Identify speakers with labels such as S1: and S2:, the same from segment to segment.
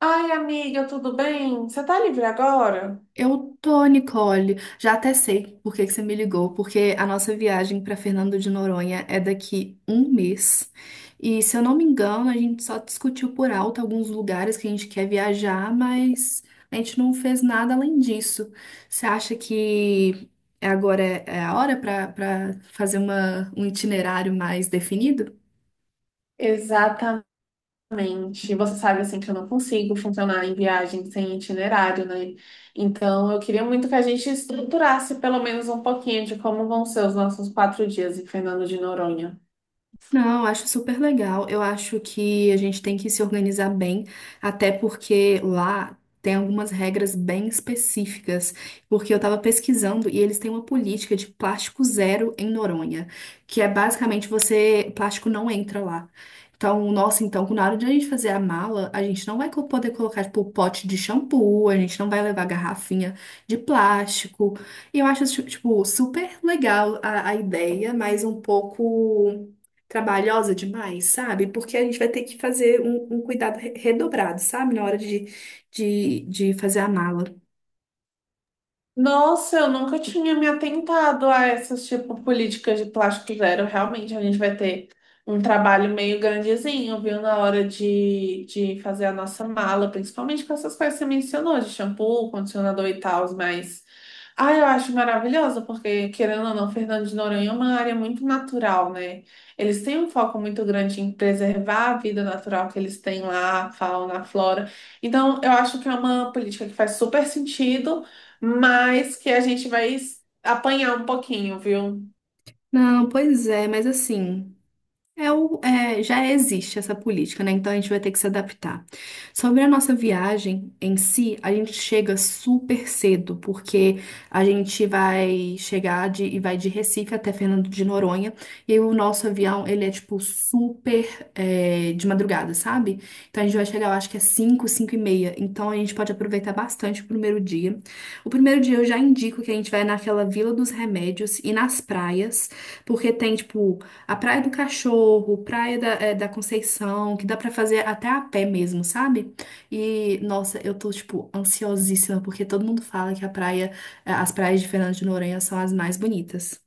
S1: Ai, amiga, tudo bem? Você tá livre agora?
S2: Eu tô, Nicole. Já até sei por que que você me ligou, porque a nossa viagem para Fernando de Noronha é daqui um mês. E se eu não me engano, a gente só discutiu por alto alguns lugares que a gente quer viajar, mas a gente não fez nada além disso. Você acha que agora é a hora para fazer um itinerário mais definido?
S1: Exatamente. Você sabe assim que eu não consigo funcionar em viagem sem itinerário, né? Então eu queria muito que a gente estruturasse pelo menos um pouquinho de como vão ser os nossos 4 dias em Fernando de Noronha.
S2: Não, eu acho super legal. Eu acho que a gente tem que se organizar bem, até porque lá tem algumas regras bem específicas. Porque eu estava pesquisando e eles têm uma política de plástico zero em Noronha, que é basicamente você, plástico não entra lá. Então, nossa, então, na hora de a gente fazer a mala, a gente não vai poder colocar, tipo, pote de shampoo, a gente não vai levar garrafinha de plástico. E eu acho, tipo, super legal a ideia, mas um pouco trabalhosa demais, sabe? Porque a gente vai ter que fazer um cuidado redobrado, sabe? Na hora de fazer a mala.
S1: Nossa, eu nunca tinha me atentado a essas, tipo, políticas de plástico zero. Realmente, a gente vai ter um trabalho meio grandezinho, viu? Na hora de fazer a nossa mala, principalmente com essas coisas que você mencionou, de shampoo, condicionador e tal, mas. Ah, eu acho maravilhoso, porque, querendo ou não, Fernando de Noronha é uma área muito natural, né? Eles têm um foco muito grande em preservar a vida natural que eles têm lá, a fauna, a flora. Então, eu acho que é uma política que faz super sentido, mas que a gente vai apanhar um pouquinho, viu?
S2: Não, pois é, mas assim. É, já existe essa política, né? Então a gente vai ter que se adaptar. Sobre a nossa viagem em si, a gente chega super cedo, porque a gente vai chegar e vai de Recife até Fernando de Noronha, e aí o nosso avião, ele é tipo super de madrugada, sabe? Então a gente vai chegar, eu acho que é 5, 5:30. Então a gente pode aproveitar bastante o primeiro dia. O primeiro dia eu já indico que a gente vai naquela Vila dos Remédios e nas praias, porque tem tipo a Praia do Cachorro, Praia da Conceição, que dá pra fazer até a pé mesmo, sabe? E, nossa, eu tô, tipo, ansiosíssima, porque todo mundo fala que as praias de Fernando de Noronha são as mais bonitas.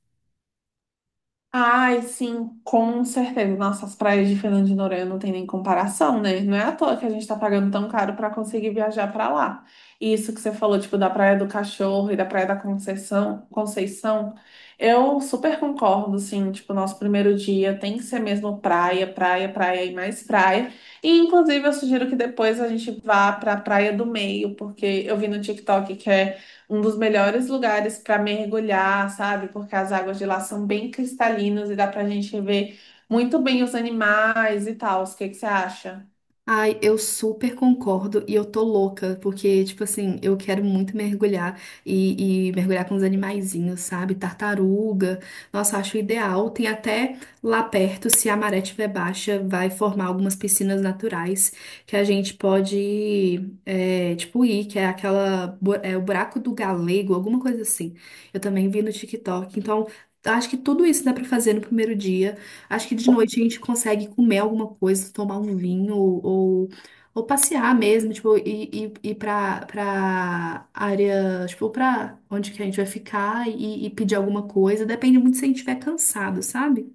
S1: Ai, sim, com certeza. Nossa, as praias de Fernando de Noronha não tem nem comparação, né? Não é à toa que a gente tá pagando tão caro pra conseguir viajar pra lá. E isso que você falou, tipo, da Praia do Cachorro e da Praia da Conceição, Conceição, eu super concordo, sim. Tipo, nosso primeiro dia tem que ser mesmo praia, praia, praia e mais praia. E, inclusive, eu sugiro que depois a gente vá pra Praia do Meio, porque eu vi no TikTok que é um dos melhores lugares para mergulhar, sabe? Porque as águas de lá são bem cristalinas e dá para a gente ver muito bem os animais e tal. O que que você acha?
S2: Ai, eu super concordo e eu tô louca, porque, tipo assim, eu quero muito mergulhar e mergulhar com os animaizinhos, sabe? Tartaruga, nossa, acho ideal. Tem até lá perto, se a maré estiver baixa, vai formar algumas piscinas naturais que a gente pode, tipo, ir, que é aquela, é o buraco do galego, alguma coisa assim. Eu também vi no TikTok, então. Acho que tudo isso dá pra fazer no primeiro dia. Acho que de noite a gente consegue comer alguma coisa, tomar um vinho ou passear mesmo, tipo, ir pra área, tipo, pra onde que a gente vai ficar e pedir alguma coisa. Depende muito se a gente estiver cansado, sabe?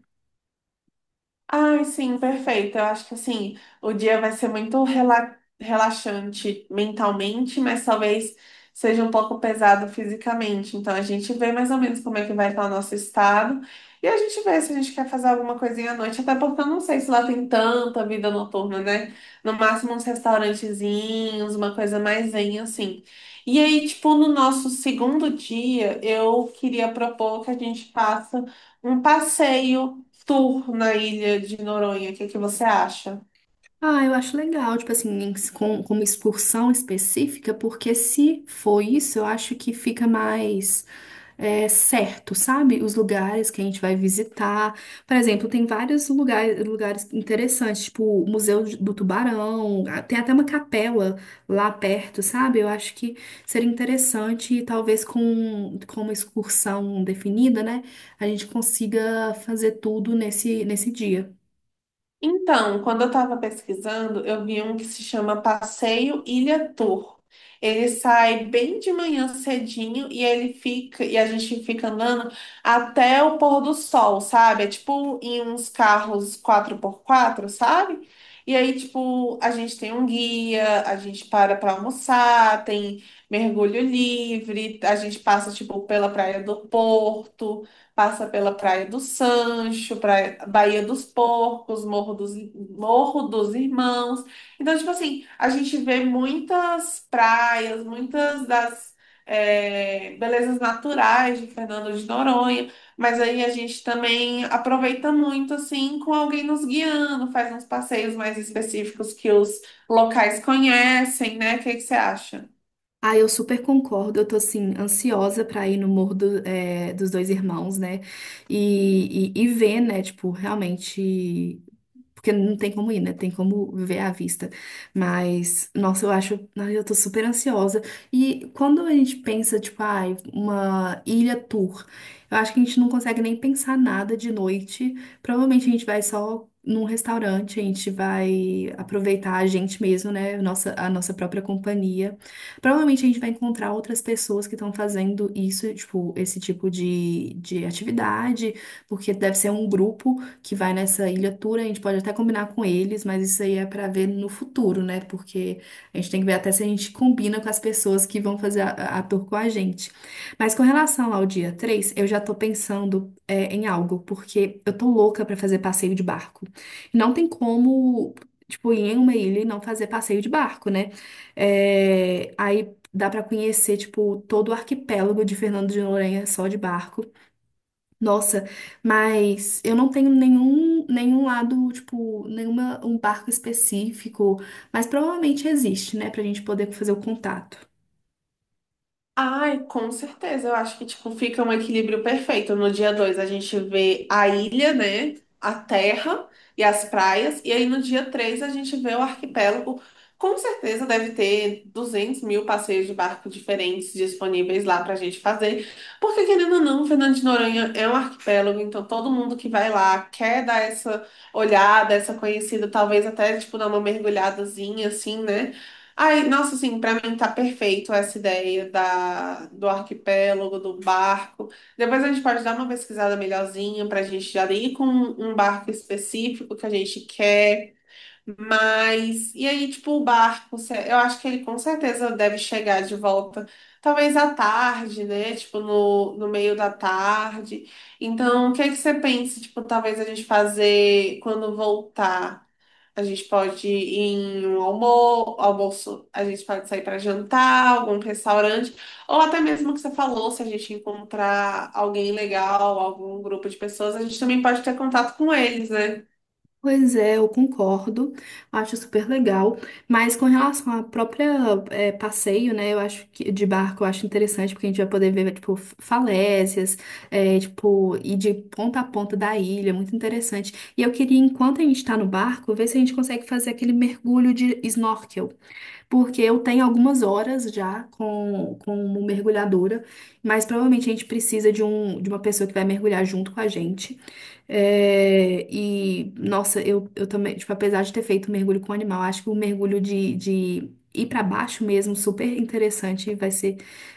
S1: Ai, sim, perfeito. Eu acho que assim, o dia vai ser muito relaxante mentalmente, mas talvez seja um pouco pesado fisicamente. Então a gente vê mais ou menos como é que vai estar o nosso estado e a gente vê se a gente quer fazer alguma coisinha à noite, até porque eu não sei se lá tem tanta vida noturna, né? No máximo uns restaurantezinhos, uma coisa mais zen assim. E aí, tipo, no nosso segundo dia, eu queria propor que a gente faça um passeio Tour na ilha de Noronha, o que é que você acha?
S2: Ah, eu acho legal, tipo assim, com uma excursão específica, porque se for isso, eu acho que fica mais. Certo, sabe? Os lugares que a gente vai visitar. Por exemplo, tem vários lugares interessantes, tipo o Museu do Tubarão, tem até uma capela lá perto, sabe? Eu acho que seria interessante, e talvez com uma excursão definida, né? A gente consiga fazer tudo nesse dia.
S1: Então, quando eu estava pesquisando, eu vi um que se chama Passeio Ilha Tour. Ele sai bem de manhã cedinho e ele fica e a gente fica andando até o pôr do sol, sabe? É tipo em uns carros 4x4, sabe? E aí, tipo, a gente tem um guia, a gente para almoçar, tem mergulho livre, a gente passa, tipo, pela Praia do Porto. Passa pela Praia do Sancho, Praia, Baía dos Porcos, Morro dos Irmãos. Então, tipo assim, a gente vê muitas praias, muitas das belezas naturais de Fernando de Noronha, mas aí a gente também aproveita muito, assim, com alguém nos guiando, faz uns passeios mais específicos que os locais conhecem, né? O que que você acha?
S2: Ah, eu super concordo. Eu tô assim, ansiosa pra ir no Morro dos Dois Irmãos, né? E ver, né? Tipo, realmente. Porque não tem como ir, né? Tem como viver à vista. Mas, nossa, eu acho. Ai, eu tô super ansiosa. E quando a gente pensa, tipo, ai, uma ilha tour, eu acho que a gente não consegue nem pensar nada de noite. Provavelmente a gente vai só num restaurante, a gente vai aproveitar a gente mesmo, né? Nossa, a nossa própria companhia. Provavelmente a gente vai encontrar outras pessoas que estão fazendo isso, tipo, esse tipo de atividade, porque deve ser um grupo que vai nessa ilha tour, a gente pode até combinar com eles, mas isso aí é para ver no futuro, né? Porque a gente tem que ver até se a gente combina com as pessoas que vão fazer a tour com a gente. Mas com relação ao dia 3 eu já tô pensando em algo, porque eu tô louca para fazer passeio de barco. E não tem como, tipo, ir em uma ilha e não fazer passeio de barco, né? É, aí dá pra conhecer, tipo, todo o arquipélago de Fernando de Noronha só de barco. Nossa, mas eu não tenho nenhum lado, tipo, um barco específico, mas provavelmente existe, né, pra gente poder fazer o contato.
S1: Ai, com certeza. Eu acho que tipo fica um equilíbrio perfeito. No dia 2 a gente vê a ilha, né? A terra e as praias. E aí no dia 3 a gente vê o arquipélago. Com certeza deve ter 200 mil passeios de barco diferentes disponíveis lá pra gente fazer. Porque, querendo ou não, Fernando de Noronha é um arquipélago, então todo mundo que vai lá quer dar essa olhada, essa conhecida, talvez até tipo dar uma mergulhadazinha assim, né? Ai, nossa, assim, pra mim tá perfeito essa ideia da, do arquipélago, do barco. Depois a gente pode dar uma pesquisada melhorzinha pra gente já ir com um barco específico que a gente quer. Mas, e aí, tipo, o barco, eu acho que ele com certeza deve chegar de volta, talvez à tarde, né? Tipo, no meio da tarde. Então, o que é que você pensa, tipo, talvez a gente fazer quando voltar? A gente pode ir em um almoço, a gente pode sair para jantar, algum restaurante, ou até mesmo o que você falou, se a gente encontrar alguém legal, algum grupo de pessoas, a gente também pode ter contato com eles, né?
S2: Pois é, eu concordo, acho super legal, mas com relação à própria passeio, né, eu acho que de barco eu acho interessante, porque a gente vai poder ver, tipo, falésias, tipo, ir de ponta a ponta da ilha, muito interessante. E eu queria, enquanto a gente tá no barco, ver se a gente consegue fazer aquele mergulho de snorkel. Porque eu tenho algumas horas já como mergulhadora, mas provavelmente a gente precisa de uma pessoa que vai mergulhar junto com a gente. É, e, nossa, eu também, tipo, apesar de ter feito mergulho com animal, acho que o mergulho de ir para baixo mesmo, super interessante, vai ser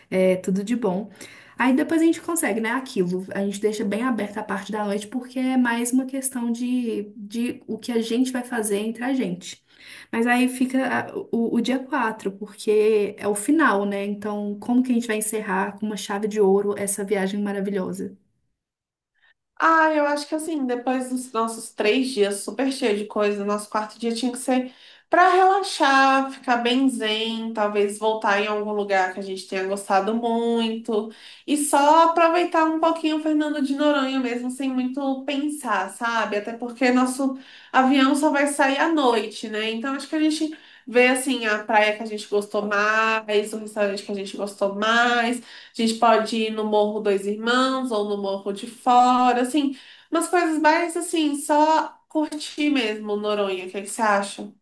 S2: tudo de bom. Aí depois a gente consegue, né? Aquilo. A gente deixa bem aberta a parte da noite, porque é mais uma questão de o que a gente vai fazer entre a gente. Mas aí fica o dia 4 porque é o final, né? Então, como que a gente vai encerrar com uma chave de ouro essa viagem maravilhosa?
S1: Ah, eu acho que assim, depois dos nossos 3 dias super cheio de coisa, nosso quarto dia tinha que ser para relaxar, ficar bem zen, talvez voltar em algum lugar que a gente tenha gostado muito e só aproveitar um pouquinho o Fernando de Noronha mesmo, sem muito pensar, sabe? Até porque nosso avião só vai sair à noite, né? Então acho que a gente vê assim a praia que a gente gostou mais, o restaurante que a gente gostou mais. A gente pode ir no Morro Dois Irmãos ou no Morro de Fora, assim, umas coisas mais assim, só curtir mesmo Noronha, o que que você acha?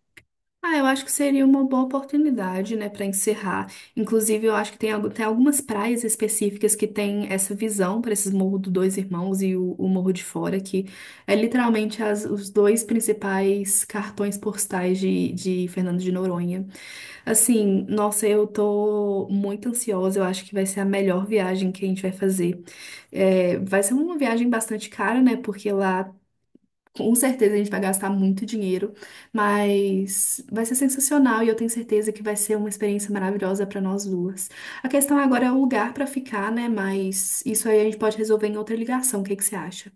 S2: Ah, eu acho que seria uma boa oportunidade, né, para encerrar. Inclusive, eu acho que tem algumas praias específicas que têm essa visão para esses Morro dos Dois Irmãos e o Morro de Fora, que é literalmente os dois principais cartões postais de Fernando de Noronha. Assim, nossa, eu tô muito ansiosa, eu acho que vai ser a melhor viagem que a gente vai fazer. É, vai ser uma viagem bastante cara, né, porque lá com certeza a gente vai gastar muito dinheiro, mas vai ser sensacional e eu tenho certeza que vai ser uma experiência maravilhosa para nós duas. A questão agora é o lugar para ficar, né? Mas isso aí a gente pode resolver em outra ligação. O que que você acha?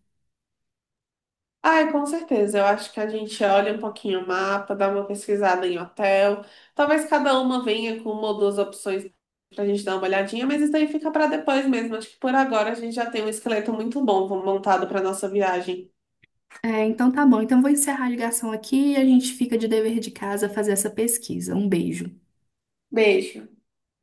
S1: Ai, com certeza. Eu acho que a gente olha um pouquinho o mapa, dá uma pesquisada em hotel. Talvez cada uma venha com uma ou duas opções pra gente dar uma olhadinha, mas isso daí fica pra depois mesmo. Acho que por agora a gente já tem um esqueleto muito bom montado pra nossa viagem.
S2: É, então tá bom. Então eu vou encerrar a ligação aqui e a gente fica de dever de casa fazer essa pesquisa. Um beijo.
S1: Beijo.